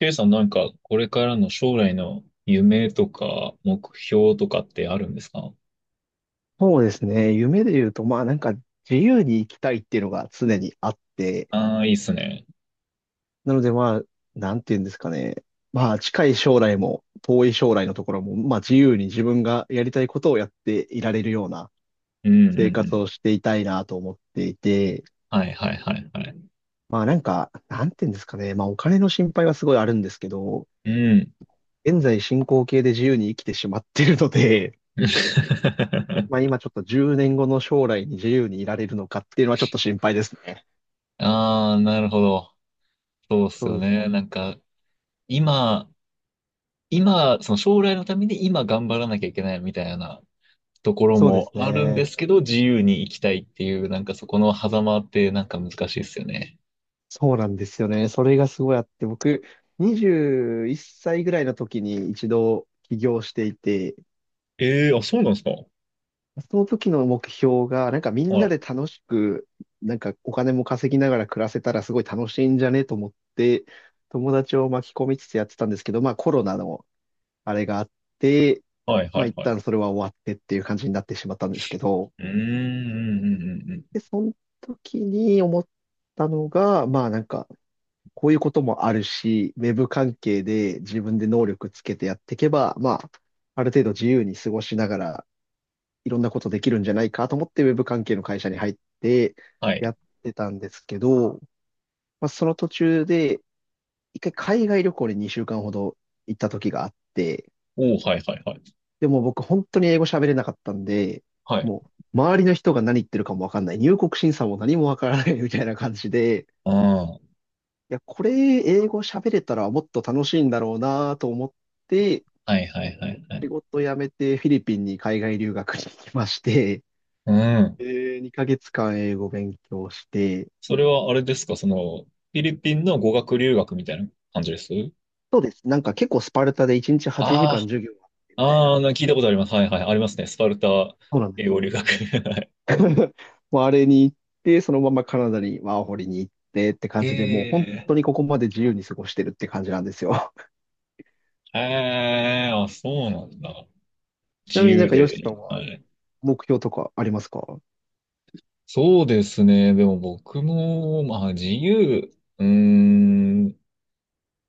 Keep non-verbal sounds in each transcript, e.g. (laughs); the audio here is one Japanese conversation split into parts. ケイさんなんか、これからの将来の夢とか目標とかってあるんですか？そうですね。夢で言うと、まあなんか自由に生きたいっていうのが常にあって、ああー、いいっすね。なのでまあ、なんて言うんですかね。まあ近い将来も遠い将来のところも、まあ自由に自分がやりたいことをやっていられるようなうんうんう生活ん。をしていたいなと思っていて、はいはいはいはい。まあなんか、なんて言うんですかね。まあお金の心配はすごいあるんですけど、うん。現在進行形で自由に生きてしまってるので、(laughs) まあ (laughs) 今ちょっと10年後の将来に自由にいられるのかっていうのはちょっと心配ですね。ああ、なるほど。そうっすそうよでね。す。なんか、今、今、その将来のために今頑張らなきゃいけないみたいなところそうでもすあるんね。ですけど、自由に生きたいっていう、なんかそこの狭間ってなんか難しいっすよね。そうなんですよね。それがすごいあって、僕、21歳ぐらいの時に一度起業していて、ええーあ、そうなんですか。はその時の目標が、なんかみんない、で楽しく、なんかお金も稼ぎながら暮らせたらすごい楽しいんじゃねと思って、友達を巻き込みつつやってたんですけど、まあコロナのあれがあって、はい、まはあい、一はい。旦それは終わってっていう感じになってしまったんですけど、うーん、うん、うん、うん。で、その時に思ったのが、まあなんか、こういうこともあるし、ウェブ関係で自分で能力つけてやっていけば、まあ、ある程度自由に過ごしながら、いろんなことできるんじゃないかと思って、ウェブ関係の会社に入ってはやい。ってたんですけど、まあ、その途中で、一回海外旅行に2週間ほど行った時があって、おお、はいはいはい。でも僕本当に英語喋れなかったんで、はい。もう周りの人が何言ってるかもわかんない、入国審査も何もわからないみたいな感じで、ああ、はいや、これ英語喋れたらもっと楽しいんだろうなと思って、いはいはいはい。仕事辞めてフィリピンに海外留学に行きまして、うん。で2ヶ月間英語勉強して、それはあれですか、その、フィリピンの語学留学みたいな感じです？そうです。なんか結構スパルタで1日8あ時間授業があってみあ、たいあな。あ、聞いたことあります。はいはい、ありますね。スパルタそうなんです英語よ。留学。(laughs) はい。 (laughs) もうあれに行って、そのままカナダにワーホリに行ってって感へじで、もう本え、当にここまで自由に過ごしてるって感じなんですよ。(laughs) へえ、あ、そうなんだ。(laughs) ち自なみになん由かヨシさんで。ははい。目標とかありますか？そうですね。でも僕も、まあ自由。うーん。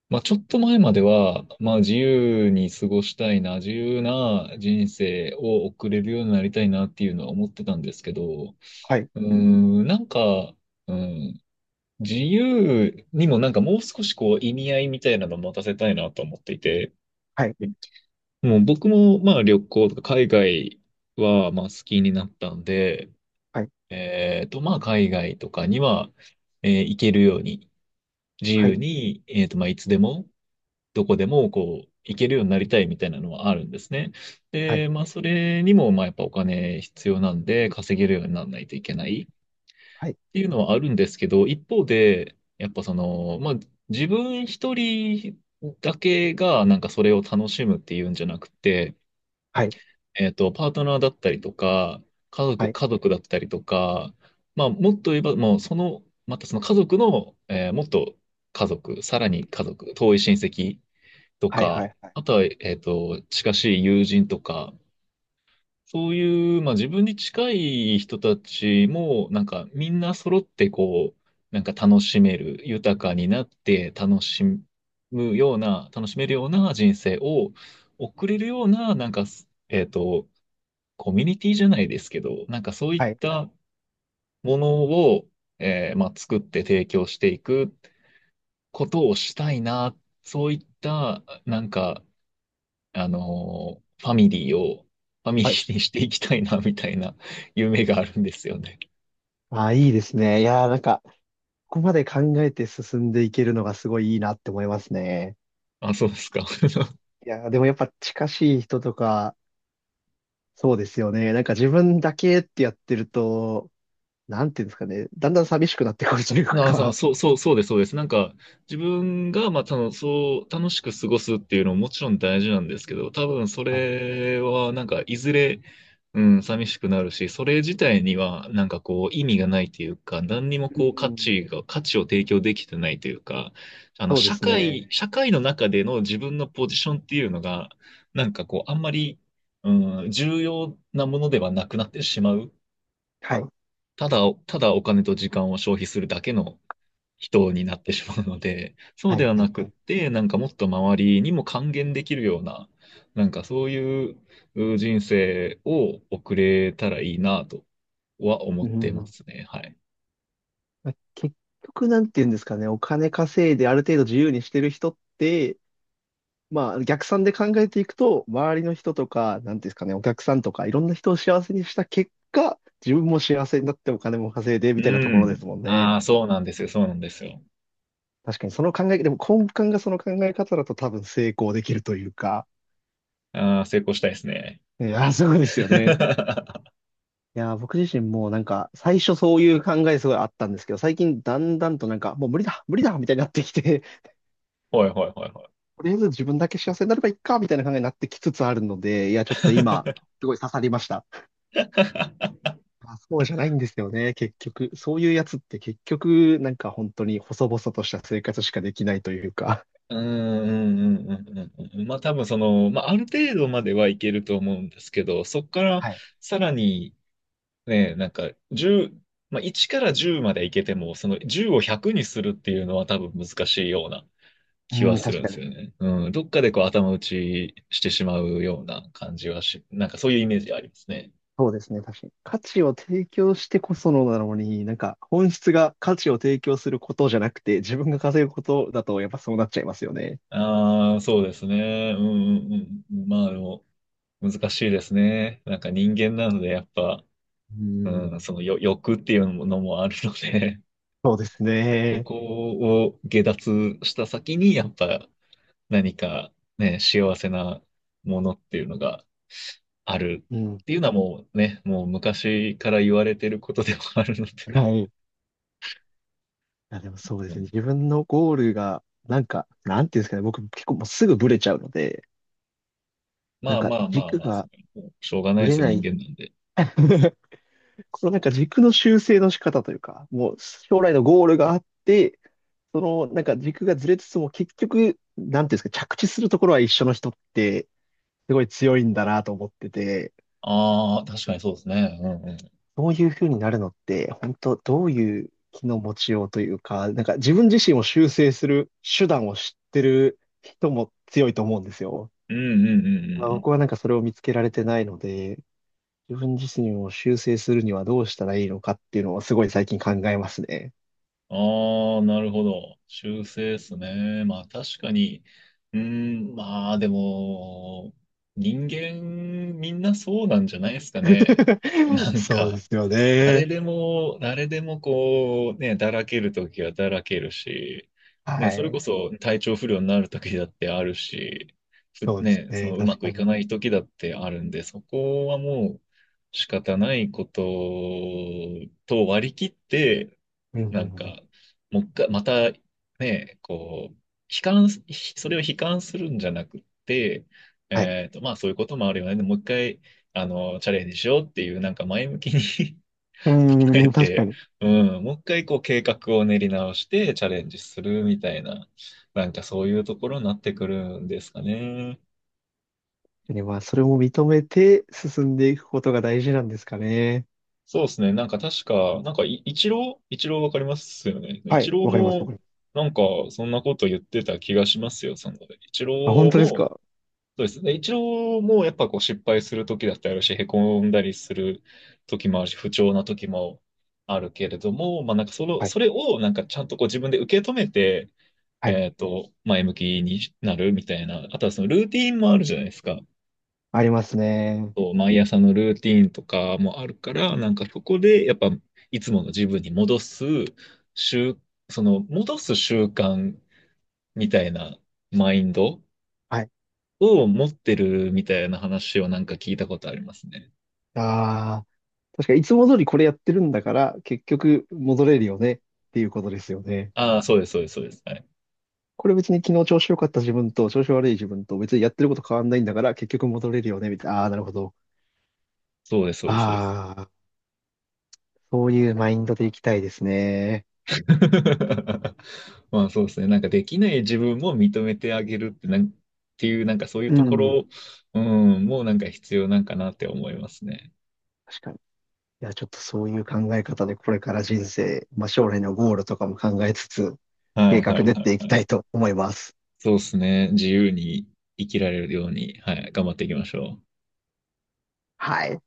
まあ、ちょっと前までは、まあ、自由に過ごしたいな、自由な人生を送れるようになりたいなっていうのは思ってたんですけど、なんか、うん、自由にもなんかもう少しこう意味合いみたいなのを持たせたいなと思っていて、はい、もう僕もまあ旅行とか海外はまあ好きになったんで、はい、まあ海外とかには、行けるように、自は由い、に、まあいつでもどこでもこう、行けるようになりたいみたいなのはあるんですね。はい、で、まあ、それにも、まあ、やっぱお金必要なんで、稼げるようにならないといけないっはい、ていうのはあるんですけど、一方で、やっぱその、まあ、自分一人だけがなんかそれを楽しむっていうんじゃなくて、はい。パートナーだったりとか、家は族、い家族だったりとか、まあ、もっと言えば、もうその、またその家族の、もっと家族、さらに家族、遠い親戚とはいはか、いはい。あとは、近しい友人とか、そういう、まあ自分に近い人たちも、なんかみんな揃ってこう、なんか楽しめる、豊かになって楽しむような、楽しめるような人生を送れるような、なんか、えっと、コミュニティじゃないですけど、なんかそういっはい。たものを、まあ、作って提供していくことをしたいな、そういった、なんか、ファミリーを、ファミリはい。ーにしていきたいな、みたいな夢があるんですよね。ああ、いいですね。いやー、なんか、ここまで考えて進んでいけるのがすごいいいなって思いますね。あ、そうですか。(laughs) いやー、でもやっぱ近しい人とか、そうですよね。なんか自分だけってやってると、なんていうんですかね。だんだん寂しくなってくるというあ、そう、か。そう、そうそうです、そうです。なんか、自分が、まあ、そう、楽しく過ごすっていうのももちろん大事なんですけど、多分そはい。れは、なんか、いずれ、うん、寂しくなるし、それ自体には、なんかこう、意味がないというか、何にもうこう、価ん。値が、価値を提供できてないというか、そうで社すね。会、社会の中での自分のポジションっていうのが、なんかこう、あんまり、うん、重要なものではなくなってしまう。はい。ただ、ただお金と時間を消費するだけの、人になってしまうので、(laughs) そうはでいははないくはっい。て、なんかもっと周りにも還元できるような、なんかそういうう人生を送れたらいいなとは思うってまん。すね。はい。まあ結局、なんていうんですかね。お金稼いである程度自由にしてる人って、まあ、逆算で考えていくと、周りの人とか、なんていうんですかね、お客さんとか、いろんな人を幸せにした結果、自分も幸せになってお金も稼いで、うみたいなところでん。すもんね。ああ、そうなんですよ。そうなんですよ。確かにその考え、でも根幹がその考え方だと多分成功できるというか。ああ、成功したいですね。いや、そうですよね。(laughs) いや、僕自身もなんか、最初そういう考えすごいあったんですけど、最近だんだんとなんか、もう無理だ、無理だ、みたいになってきて、ほいほいほいほい。とりあえず自分だけ幸せになればいいか、みたいな考えになってきつつあるので、いや、ちょっと今、すごい刺さりました。(laughs) まあ、そうじゃないんですよね、結局。そういうやつって結局、なんか本当に細々とした生活しかできないというか。うんうんうんうんうんうん。まあ多分その、まあある程度まではいけると思うんですけど、そこからはい。さらにね、なんか1まあ、1から10までいけても、その10を100にするっていうのは多分難しいような気うはん、する確んでかすに。よね。うん、どっかでこう頭打ちしてしまうような感じはし、なんかそういうイメージありますね。そうですね、確かに。価値を提供してこそのなのに、なんか本質が価値を提供することじゃなくて、自分が稼ぐことだとやっぱそうなっちゃいますよね。ああ、そうですね。うんうんうん。まあでも、難しいですね。なんか人間なのでやっぱ、ううん、ん。その欲っていうのもあるので、(laughs) そうですそね。こを下脱した先にやっぱ何かね、幸せなものっていうのがあるうん。っていうのはもうね、もう昔から言われてることでもあるので、はい。いや、でもそう (laughs) でうすね。ん自分のゴールが、なんか、なんていうんですかね。僕結構もうすぐブレちゃうので、なまんあかまあまあ軸まあ、そがれもうしょうがないブでレすよ、な人い 間なんで。(laughs) このなんか軸の修正の仕方というか、もう将来のゴールがあって、そのなんか軸がずれつつも結局、なんていうんですか、着地するところは一緒の人ってすごい強いんだなと思ってて、ああ、確かにそうですね。うんうん。そういう風になるのって、本当どういう気の持ちようというか、なんか自分自身を修正する手段を知ってる人も強いと思うんですよ。うんうんうんうんまあう僕ん。はなんかそれを見つけられてないので、自分自身を修正するにはどうしたらいいのかっていうのをすごい最近考えますね。ああ、なるほど。修正ですね。まあ確かに、うーん、まあでも、人間みんなそうなんじゃないですかね。(laughs) (laughs) なんそうでか、すよ誰ね。でも、誰でもこう、ね、だらけるときはだらけるし、ね、はそれこい。そ体調不良になるときだってあるし、そうですね、そね。のうま確くかいに。かないときだってあるんで、そこはもう仕方ないことと割り切って、うんうんなんか、うん。もう一回、またね、こう、悲観それを悲観するんじゃなくて、はい。まあそういうこともあるよね。でもう一回、チャレンジしようっていう、なんか前向きに (laughs) う捉えん、確かて、に。うん、もう一回こう計画を練り直してチャレンジするみたいな、なんかそういうところになってくるんですかね。でまあ、それも認めて進んでいくことが大事なんですかね。そうですね。なんか確か、なんかイチローわかりますよね。イはチい。ローわかります。わかも、ります。なんか、そんなこと言ってた気がしますよ。その、イチロあ、本ー当ですも、か？そうですね。イチローも、やっぱこう、失敗する時だってあるし、へこんだりする時もあるし、不調な時もあるけれども、まあなんか、その、はい。それを、なんか、ちゃんとこう、自分で受け止めて、はい。前向きになるみたいな。あとは、その、ルーティンもあるじゃないですか。ありますね。そう毎朝のルーティーンとかもあるから、なんかそこでやっぱいつもの自分に戻す習、その戻す習慣みたいなマインドはい。を持ってるみたいな話をなんか聞いたことありますね。ああ。確かに、いつも通りこれやってるんだから、結局戻れるよねっていうことですよね。ああ、そうです、そうです、そうです。はい。これ別に昨日調子良かった自分と調子悪い自分と別にやってること変わんないんだから、結局戻れるよね、みたいな。ああ、なるほど。そうです、そうです、そうです。ああ。そういうマインドでいきたいですね。(laughs) まあそうですね。なんかできない自分も認めてあげるってっていうなんかそういううとこん。ろ、うん、もうなんか必要なんかなって思いますね。確かに。いや、ちょっとそういう考え方でこれから人生、まあ将来のゴールとかも考えつつ、は計い、画はい、練っていきはたい。いと思います。そうですね。自由に生きられるように、はい、頑張っていきましょう。はい。